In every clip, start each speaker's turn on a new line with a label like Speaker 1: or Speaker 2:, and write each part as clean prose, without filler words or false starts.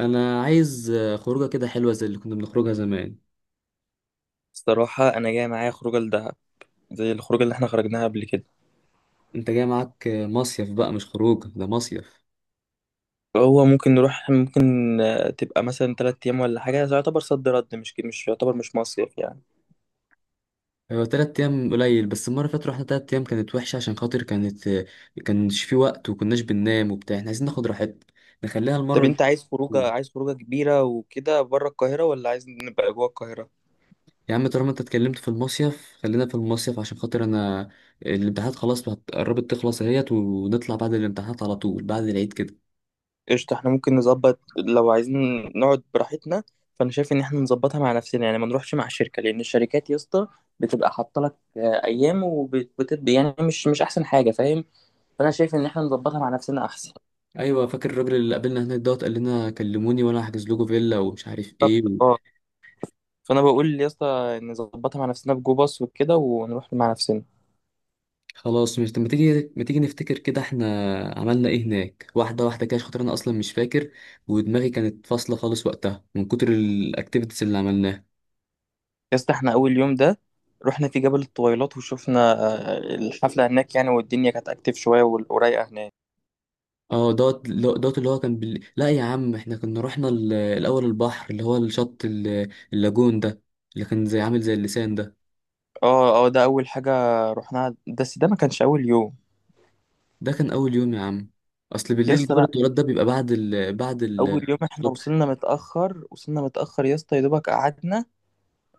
Speaker 1: انا عايز خروجه كده حلوه زي اللي كنا بنخرجها زمان.
Speaker 2: الصراحة أنا جاي معايا خروجة لدهب زي الخروجة اللي احنا خرجناها قبل كده.
Speaker 1: انت جاي معاك مصيف بقى، مش خروجه ده مصيف.
Speaker 2: فهو ممكن نروح ممكن، تبقى مثلا تلات أيام ولا حاجة. ده يعتبر صد رد، مش يعتبر مش مصيف يعني.
Speaker 1: هو 3 ايام قليل، بس المره اللي فاتت رحنا 3 ايام كانت وحشه عشان خاطر كانت كانش في وقت وكناش بننام وبتاع، احنا عايزين ناخد راحتنا. نخليها
Speaker 2: طب
Speaker 1: المره دي.
Speaker 2: أنت عايز خروجة كبيرة وكده بره القاهرة ولا عايز نبقى جوه القاهرة؟
Speaker 1: يا عم طالما انت اتكلمت في المصيف خلينا في المصيف عشان خاطر انا الامتحانات خلاص قربت تخلص اهيت ونطلع بعد الامتحانات على طول بعد العيد كده.
Speaker 2: قشطة. احنا ممكن نظبط لو عايزين نقعد براحتنا. فأنا شايف إن احنا نظبطها مع نفسنا، يعني ما نروحش مع الشركة، لأن الشركات يا اسطى بتبقى حاطة لك أيام، وبتبقى يعني مش أحسن حاجة، فاهم؟ فأنا شايف إن احنا نظبطها مع نفسنا أحسن.
Speaker 1: ايوه، فاكر الراجل اللي قابلنا هناك دوت؟ قال لنا كلموني وانا هحجز لكم فيلا ومش عارف ايه.
Speaker 2: بالظبط، اه. فانا بقول يا اسطى نظبطها مع نفسنا، بجو باص وكده ونروح مع نفسنا.
Speaker 1: خلاص، مش ما تيجي ما تيجي نفتكر كده احنا عملنا ايه هناك، واحدة واحدة كده، عشان خاطر انا اصلا مش فاكر ودماغي كانت فاصلة خالص وقتها من كتر الاكتيفيتيز اللي عملناها.
Speaker 2: يا اسطى احنا اول يوم ده رحنا في جبل الطويلات، وشفنا الحفله هناك يعني، والدنيا كانت اكتف شويه، ورايقه هناك.
Speaker 1: اه دوت، دوت اللي هو كان لا يا عم احنا كنا رحنا الاول البحر، اللي هو الشط اللاجون ده، اللي كان زي عامل زي اللسان ده.
Speaker 2: اه اه، ده اول حاجه رحناها، بس ده ما كانش اول يوم.
Speaker 1: ده كان اول يوم يا عم، اصل
Speaker 2: يا
Speaker 1: بالليل
Speaker 2: اسطى
Speaker 1: جبل
Speaker 2: لا،
Speaker 1: التورات ده بيبقى
Speaker 2: اول يوم احنا وصلنا متاخر، وصلنا متاخر يا اسطى، يا دوبك قعدنا،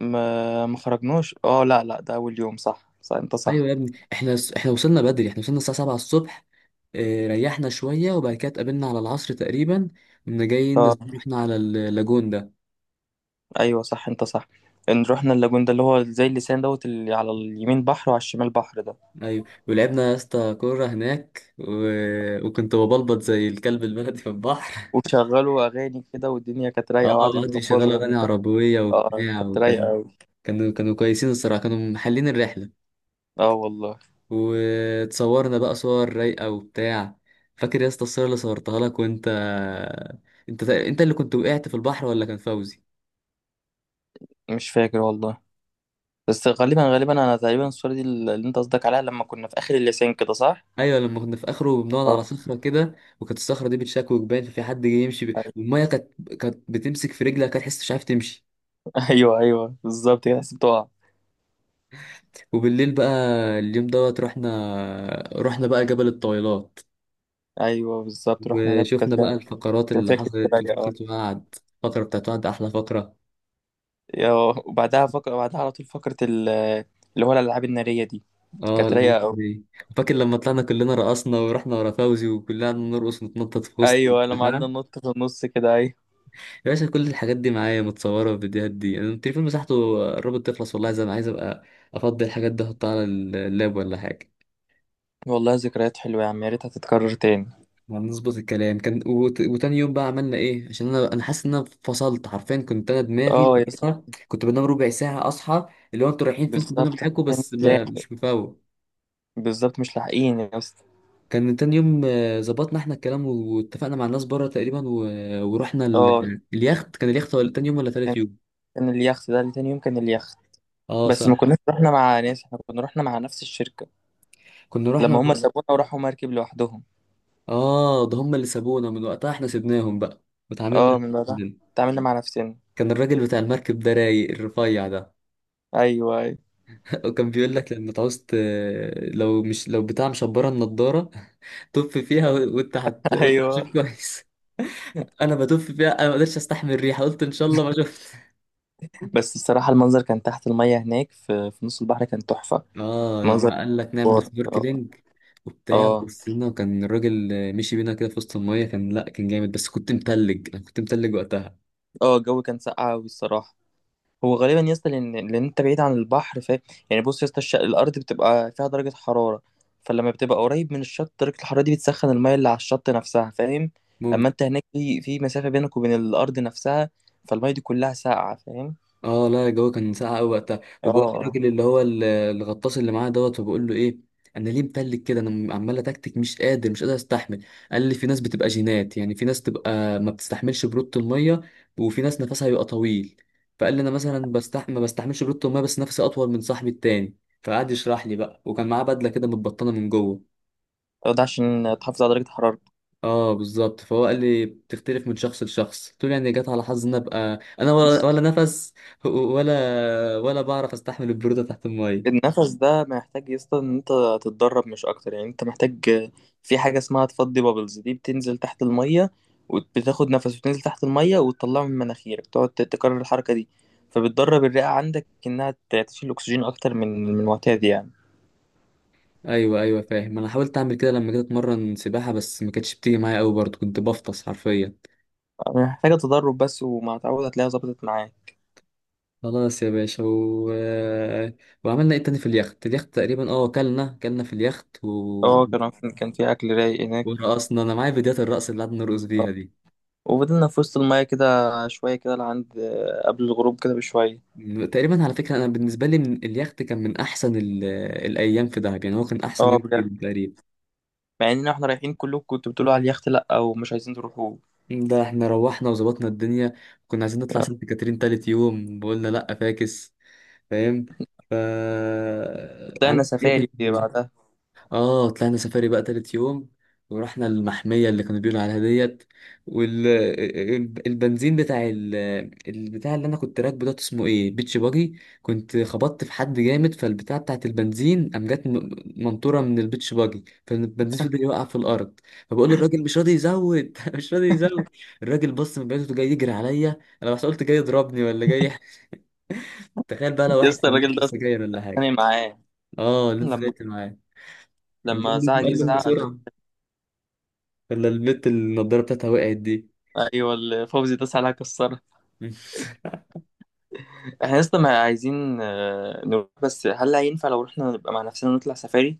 Speaker 2: ما خرجناش. اه لا لا، ده اول يوم، صح صح، انت
Speaker 1: ايوه
Speaker 2: صح.
Speaker 1: يا ابني احنا وصلنا بدري، احنا وصلنا الساعه 7 الصبح. ريحنا شويه وبعد كده اتقابلنا على العصر تقريبا، كنا جايين
Speaker 2: اه،
Speaker 1: احنا على اللاجون ده.
Speaker 2: ايوه صح، انت صح. ان رحنا اللاجون ده اللي هو زي اللسان دوت، اللي على اليمين بحر وعلى الشمال بحر ده.
Speaker 1: ايوه ولعبنا يا اسطى كوره هناك وكنت ببلبط زي الكلب البلدي في البحر.
Speaker 2: وشغلوا اغاني كده، والدنيا كانت
Speaker 1: اه،
Speaker 2: رايقه، وقعدوا
Speaker 1: وقعدوا يشغلوا
Speaker 2: يطبلوا
Speaker 1: اغاني
Speaker 2: لما كانت.
Speaker 1: عربيه
Speaker 2: اه،
Speaker 1: وبتاع
Speaker 2: كانت رايقه
Speaker 1: وكان
Speaker 2: قوي.
Speaker 1: كانوا كويسين الصراحه، كانوا محلين الرحله.
Speaker 2: اه والله.
Speaker 1: وتصورنا بقى صور رايقه وبتاع. فاكر يا اسطى الصوره اللي صورتها لك وانت؟ انت انت اللي كنت وقعت في البحر ولا كان فوزي؟
Speaker 2: مش فاكر والله. بس غالبا غالبا انا تقريبا الصوره دي اللي انت قصدك عليها، لما كنا في اخر اللسان كده، صح.
Speaker 1: ايوه لما كنا في اخره بنقعد
Speaker 2: اه.
Speaker 1: على صخره كده، وكانت الصخره دي بتشكوك باين، ففي حد جاي يمشي
Speaker 2: أي-
Speaker 1: والميه كانت، كانت بتمسك في رجلك، كانت تحس مش عارف تمشي.
Speaker 2: ايوه ايوه، بالظبط كده، حسيت بتقع.
Speaker 1: وبالليل بقى اليوم دوت رحنا، رحنا بقى جبل الطويلات
Speaker 2: ايوه بالظبط، رحنا هناك،
Speaker 1: وشفنا بقى الفقرات
Speaker 2: كانت
Speaker 1: اللي
Speaker 2: فاكر
Speaker 1: حصلت
Speaker 2: رايقه، اه.
Speaker 1: وفقرة وعد. الفقرة بتاعت وعد أحلى فقرة.
Speaker 2: يا- وبعدها، وبعدها على طول فكره اللي هو الالعاب الناريه دي،
Speaker 1: اه
Speaker 2: كانت رايقه
Speaker 1: الأماكن
Speaker 2: قوي.
Speaker 1: دي. فاكر لما طلعنا كلنا رقصنا ورحنا ورا فوزي وكلنا قعدنا نرقص ونتنطط في وسط
Speaker 2: ايوه لما
Speaker 1: البتاع.
Speaker 2: قعدنا ننط في النص كده، ايوه.
Speaker 1: يا باشا كل الحاجات دي معايا متصورة، والفيديوهات دي أنا التليفون مساحته قربت تخلص والله، زي ما عايز أبقى أفضي الحاجات دي أحطها على اللاب ولا حاجة.
Speaker 2: والله ذكريات حلوه يا عم، يا ريتها تتكرر تاني.
Speaker 1: هنظبط الكلام. كان وتاني يوم بقى عملنا إيه؟ عشان أنا حاسس إن أنا فصلت حرفيا، كنت أنا دماغي
Speaker 2: اه يا اسطى.
Speaker 1: وقتها كنت بنام ربع ساعة أصحى، اللي هو أنتوا رايحين فين خدونا
Speaker 2: بالظبط،
Speaker 1: معاكم،
Speaker 2: عشان
Speaker 1: بس ما
Speaker 2: تلاقي.
Speaker 1: مش مفوق.
Speaker 2: بالظبط، مش لاحقين يا اسطى.
Speaker 1: كان تاني يوم ظبطنا احنا الكلام واتفقنا مع الناس بره تقريبا ورحنا
Speaker 2: اه،
Speaker 1: اليخت، كان اليخت ولا تاني يوم ولا تالت
Speaker 2: كان
Speaker 1: يوم؟
Speaker 2: كان اليخت ده اللي تاني يوم، كان اليخت.
Speaker 1: اه
Speaker 2: بس ما
Speaker 1: صح،
Speaker 2: كناش رحنا مع ناس، احنا كنا رحنا مع نفس الشركة.
Speaker 1: كنا رحنا.
Speaker 2: لما هم سابونا وراحوا مركب لوحدهم.
Speaker 1: اه ده هم اللي سابونا، من وقتها احنا سيبناهم بقى وتعاملنا
Speaker 2: اه،
Speaker 1: إحنا
Speaker 2: من بعدها
Speaker 1: لوحدنا.
Speaker 2: اتعاملنا مع نفسنا.
Speaker 1: كان الراجل بتاع المركب ده رايق، الرفيع ده.
Speaker 2: ايوه ايوه.
Speaker 1: وكان بيقول لك لما تعوز لو مش لو بتاع مشبره النضاره. طف فيها وانت وانت هتشوف
Speaker 2: ايوه.
Speaker 1: كويس. انا بتف فيها، انا ما قدرتش استحمل الريحه، قلت ان شاء الله ما شفت.
Speaker 2: بس الصراحة، المنظر كان تحت المية هناك في نص البحر، كان تحفة.
Speaker 1: اه
Speaker 2: منظر
Speaker 1: لما قال لك نعمل
Speaker 2: جبار. اه.
Speaker 1: سنوركلينج وبتاع،
Speaker 2: اه.
Speaker 1: وبصينا وكان الراجل مشي بينا كده في وسط الميه، كان لا كان جامد، بس كنت متلج، انا كنت متلج وقتها.
Speaker 2: اه، الجو كان ساقع أوي الصراحة. هو غالبا يا اسطى، لان انت بعيد عن البحر، ف. يعني بص يا اسطى، الارض بتبقى فيها درجه حراره، فلما بتبقى قريب من الشط، درجه الحراره دي بتسخن الميه اللي على الشط نفسها، فاهم؟ اما
Speaker 1: ممكن.
Speaker 2: انت هناك في مسافه بينك وبين الارض نفسها، فالميه دي كلها ساقعه، فاهم؟
Speaker 1: اه لا الجو كان ساقع قوي وقتها،
Speaker 2: اه،
Speaker 1: وبقول
Speaker 2: آه.
Speaker 1: للراجل اللي هو الغطاس اللي معاه دوت، وبقول له ايه انا ليه متلج كده، انا عمال اتكتك مش قادر مش قادر استحمل. قال لي في ناس بتبقى جينات، يعني في ناس تبقى ما بتستحملش برودة الميه وفي ناس نفسها بيبقى طويل. فقال لي انا مثلا ما بستحملش برودة الميه، بس نفسي اطول من صاحبي التاني. فقعد يشرح لي بقى، وكان معاه بدله كده متبطنه من جوه.
Speaker 2: ده عشان تحافظ على درجه حرارتك.
Speaker 1: اه بالظبط، فهو قال لي بتختلف من شخص لشخص، قلت له يعني جت على حظ ان ابقى انا ولا نفس، ولا بعرف استحمل البروده تحت الميه.
Speaker 2: النفس ده محتاج يا اسطى ان انت تتدرب، مش اكتر يعني. انت محتاج في حاجه اسمها تفضي بابلز، دي بتنزل تحت الميه، وبتاخد نفس وتنزل تحت الميه وتطلعه من مناخيرك، تقعد تكرر الحركه دي، فبتدرب الرئه عندك انها تشيل اكسجين اكتر من المعتاد يعني.
Speaker 1: ايوه ايوه فاهم، انا حاولت اعمل كده لما جيت اتمرن سباحه، بس ما كانتش بتيجي معايا قوي برضه، كنت بفطس حرفيا.
Speaker 2: محتاجه تدرب بس، ومع تعود هتلاقيها ظبطت معاك.
Speaker 1: خلاص يا باشا وعملنا ايه تاني في اليخت؟ اليخت تقريبا اه كلنا كلنا في اليخت
Speaker 2: اه، كان في اكل رايق هناك.
Speaker 1: ورقصنا، انا معايا فيديوهات الرقص اللي قعدنا نرقص
Speaker 2: اه.
Speaker 1: بيها دي.
Speaker 2: وفضلنا في وسط الميه كده شويه كده، لعند قبل الغروب كده بشويه.
Speaker 1: تقريبا على فكرة أنا بالنسبة لي من اليخت كان من أحسن الأيام في دهب، يعني هو كان أحسن
Speaker 2: اه
Speaker 1: يوم
Speaker 2: بجد.
Speaker 1: فيهم تقريبا.
Speaker 2: مع ان احنا رايحين، كلكم كنتوا بتقولوا على اليخت لا ومش عايزين تروحوا.
Speaker 1: ده احنا روحنا وظبطنا الدنيا، كنا عايزين نطلع سانت كاترين تالت يوم وقلنا لأ فاكس، فاهم؟ ف
Speaker 2: طلعنا
Speaker 1: عملت ايه
Speaker 2: سفاري
Speaker 1: تاني؟
Speaker 2: بعدها.
Speaker 1: اه طلعنا سفاري بقى تالت يوم ورحنا المحمية اللي كانوا بيقولوا عليها ديت. والبنزين بتاع البتاع اللي انا كنت راكبه ده اسمه ايه بيتش باجي، كنت خبطت في حد جامد فالبتاع بتاعت البنزين قام جت منطورة من البيتش باجي، فالبنزين فضل يوقع في الارض. فبقول للراجل مش راضي يزود، مش راضي يزود. الراجل بص من بعيد جاي يجري عليا انا، بس قلت جاي يضربني ولا جاي؟ تخيل بقى لو
Speaker 2: يا
Speaker 1: واحد
Speaker 2: اسطى
Speaker 1: كان
Speaker 2: الراجل
Speaker 1: بيشرب
Speaker 2: ده اصلا
Speaker 1: سجاير ولا حاجه.
Speaker 2: اتخانق معاه،
Speaker 1: اه اللي انت
Speaker 2: لما
Speaker 1: خانقت معاه، قام
Speaker 2: لما
Speaker 1: جاي
Speaker 2: زعق جه
Speaker 1: قال له
Speaker 2: زعق له.
Speaker 1: بسرعه، ولا البنت اللي النضارة بتاعتها وقعت دي.
Speaker 2: ايوه، اللي فوزي ده ساعة كسرها. احنا يا اسطى ما عايزين نروح، بس هل هينفع لو رحنا نبقى مع نفسنا ونطلع سفاري؟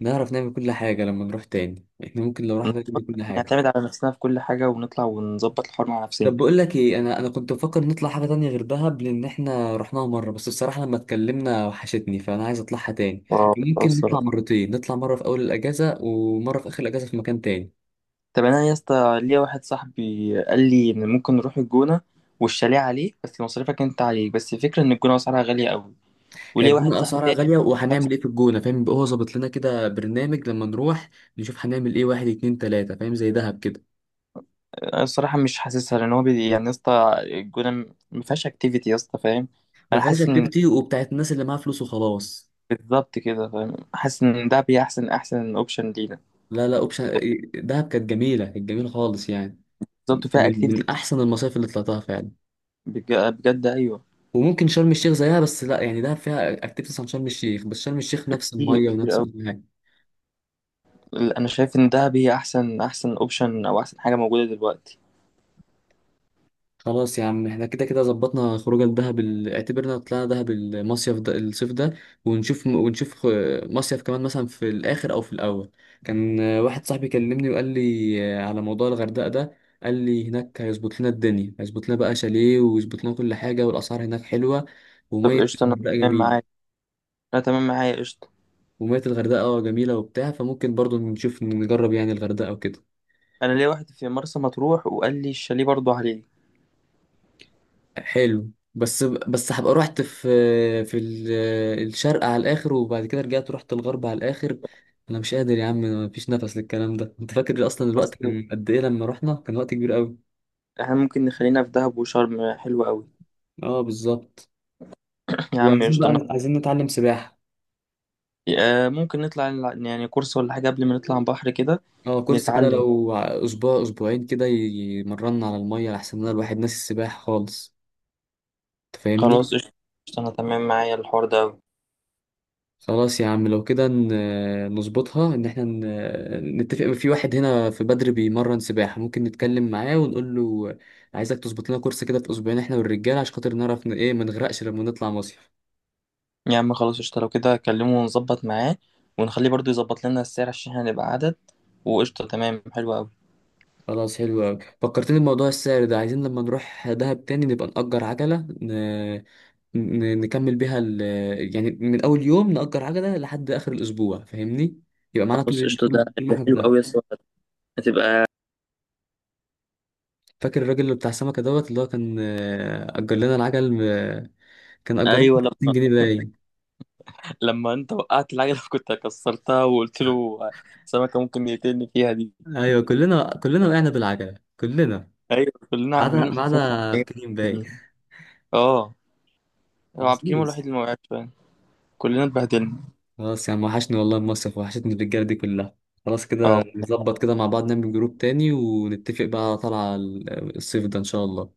Speaker 1: نعرف نعمل كل حاجة لما نروح تاني، احنا ممكن لو رحنا نعمل كل حاجة.
Speaker 2: نعتمد على نفسنا في كل حاجة، ونطلع ونظبط الحوار مع
Speaker 1: طب
Speaker 2: نفسنا.
Speaker 1: بقول لك ايه، انا كنت بفكر نطلع حاجة تانية غير دهب، لان احنا رحناها مرة، بس بصراحة لما اتكلمنا وحشتني فانا عايز اطلعها تاني.
Speaker 2: اه
Speaker 1: ممكن نطلع
Speaker 2: الصراحة.
Speaker 1: مرتين، نطلع مرة في اول الاجازة ومرة في اخر الاجازة في مكان تاني.
Speaker 2: طب انا يا اسطى ليا واحد صاحبي قال لي ان ممكن نروح الجونة، والشاليه عليك، بس مصاريفك انت عليك، بس الفكرة ان الجونة اسعارها غالية قوي.
Speaker 1: هي
Speaker 2: وليا واحد
Speaker 1: الجونة
Speaker 2: صاحبي
Speaker 1: اسعارها
Speaker 2: تاني.
Speaker 1: غالية، وهنعمل ايه في الجونة؟ فاهم؟ يبقى هو ظابط لنا كده برنامج لما نروح نشوف هنعمل ايه واحد اتنين تلاتة، فاهم؟ زي دهب كده.
Speaker 2: انا الصراحه مش حاسسها، لان هو يعني يا اسطى الجونه ما فيهاش اكتيفيتي يا اسطى، فاهم؟
Speaker 1: ما
Speaker 2: انا
Speaker 1: فيهاش
Speaker 2: حاسس ان،
Speaker 1: اكتيفيتي وبتاعت الناس اللي معاها فلوس وخلاص.
Speaker 2: بالظبط كده فاهم، حاسس ان ده احسن اوبشن لينا.
Speaker 1: لا، لا اوبشن، دهب كانت جميله، كانت جميله خالص يعني،
Speaker 2: بالظبط، فيها
Speaker 1: من
Speaker 2: اكتيفيتي
Speaker 1: من
Speaker 2: كتير.
Speaker 1: احسن المصايف اللي طلعتها فعلا.
Speaker 2: بجد، ايوه.
Speaker 1: وممكن شرم الشيخ زيها، بس لا يعني دهب فيها اكتيفيتيز عن شرم الشيخ، بس شرم الشيخ نفس
Speaker 2: كتير
Speaker 1: الميه
Speaker 2: كتير
Speaker 1: ونفس
Speaker 2: قوي.
Speaker 1: كل حاجة.
Speaker 2: انا شايف ان ده احسن اوبشن، او احسن حاجه موجوده دلوقتي.
Speaker 1: خلاص يا عم احنا كده كده ظبطنا خروجه لدهب، اعتبرنا طلعنا دهب، المصيف ده الصيف ده ونشوف مصيف كمان مثلا في الاخر او في الاول. كان واحد صاحبي كلمني وقال لي على موضوع الغردقه ده. قال لي هناك هيظبط لنا الدنيا، هيظبط لنا بقى شاليه ويظبط لنا كل حاجه، والاسعار هناك حلوه
Speaker 2: طب
Speaker 1: وميه
Speaker 2: قشطه، انا
Speaker 1: الغردقه
Speaker 2: تمام معاك.
Speaker 1: جميله.
Speaker 2: انا تمام معايا، قشطه.
Speaker 1: وميه الغردقه جميله وبتاع، فممكن برضو نشوف نجرب يعني الغردقه وكده.
Speaker 2: انا ليا واحد في مرسى مطروح وقال لي الشاليه برضه عليه.
Speaker 1: حلو، بس هبقى رحت في في ال- الشرق على الاخر، وبعد كده رجعت رحت الغرب على الاخر. انا مش قادر يا عم، مفيش نفس للكلام ده. انت فاكر اصلا الوقت
Speaker 2: بس
Speaker 1: كان قد ايه لما رحنا؟ كان وقت كبير قوي.
Speaker 2: احنا ممكن نخلينا في دهب وشرم، حلوة قوي.
Speaker 1: اه بالظبط.
Speaker 2: يا عم
Speaker 1: وعايزين
Speaker 2: قشطه.
Speaker 1: بقى عايزين نتعلم سباحة.
Speaker 2: ممكن نطلع يعني كورس ولا حاجة قبل ما نطلع البحر كده.
Speaker 1: اه كورس كده،
Speaker 2: نتعلم.
Speaker 1: لو اسبوع اسبوعين كده يمرنا على المية، لحسن ان الواحد ناسي السباحة خالص. انت فاهمني؟
Speaker 2: خلاص قشطة، قشطة، أنا تمام معايا الحوار ده أوي.
Speaker 1: خلاص يا عم لو كده نظبطها ان احنا نتفق في واحد هنا في بدر بيمرن سباحة، ممكن نتكلم معاه ونقول له عايزك تظبط لنا كورس كده في اسبوعين، احنا والرجالة، عشان خاطر نعرف ايه ما نغرقش لما نطلع مصيف.
Speaker 2: يا عم خلاص قشطة، لو كده أكلمه ونظبط معاه، ونخليه برضه يظبط لنا السعر عشان احنا نبقى عدد. وقشطة تمام، حلو أوي.
Speaker 1: خلاص حلو قوي، فكرتني بموضوع السعر ده، عايزين لما نروح دهب تاني نبقى نأجر عجلة نكمل بيها يعني من اول يوم نأجر عجلة لحد اخر الاسبوع فاهمني، يبقى معانا
Speaker 2: خلاص
Speaker 1: طول
Speaker 2: قشطة، ده
Speaker 1: طول طول ما
Speaker 2: ده
Speaker 1: احنا في
Speaker 2: حلو
Speaker 1: دهب.
Speaker 2: أوي يا اسطى. هتبقى.
Speaker 1: فاكر الراجل اللي بتاع السمكة دوت اللي هو كان أجر لنا العجل؟ كان اجرنا
Speaker 2: أيوة
Speaker 1: 200
Speaker 2: لما.
Speaker 1: جنيه باين.
Speaker 2: لما أنت وقعت العجلة، كنت كسرتها، وقلت له سمكة ممكن يقتلني فيها دي.
Speaker 1: ايوه كلنا كلنا وقعنا بالعجله كلنا،
Speaker 2: أيوة،
Speaker 1: ما
Speaker 2: كلنا
Speaker 1: عدا
Speaker 2: كلنا
Speaker 1: ما
Speaker 2: حرفيا.
Speaker 1: عدا بكريم باين.
Speaker 2: اه، هو عبد الكريم هو
Speaker 1: محظوظ.
Speaker 2: الوحيد اللي ما وقعش فعلا. كلنا اتبهدلنا.
Speaker 1: خلاص يا عم وحشني والله المصيف، وحشتني الرجاله دي كلها، خلاص
Speaker 2: اه
Speaker 1: كده نظبط كده مع بعض، نعمل جروب تاني ونتفق بقى على طلعه الصيف ده ان شاء الله.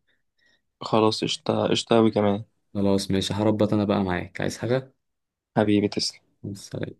Speaker 2: خلاص قشطة، قشطة أوي كمان.
Speaker 1: خلاص ماشي، هربط انا بقى معاك عايز حاجه؟
Speaker 2: حبيبي تسلم.
Speaker 1: سلام.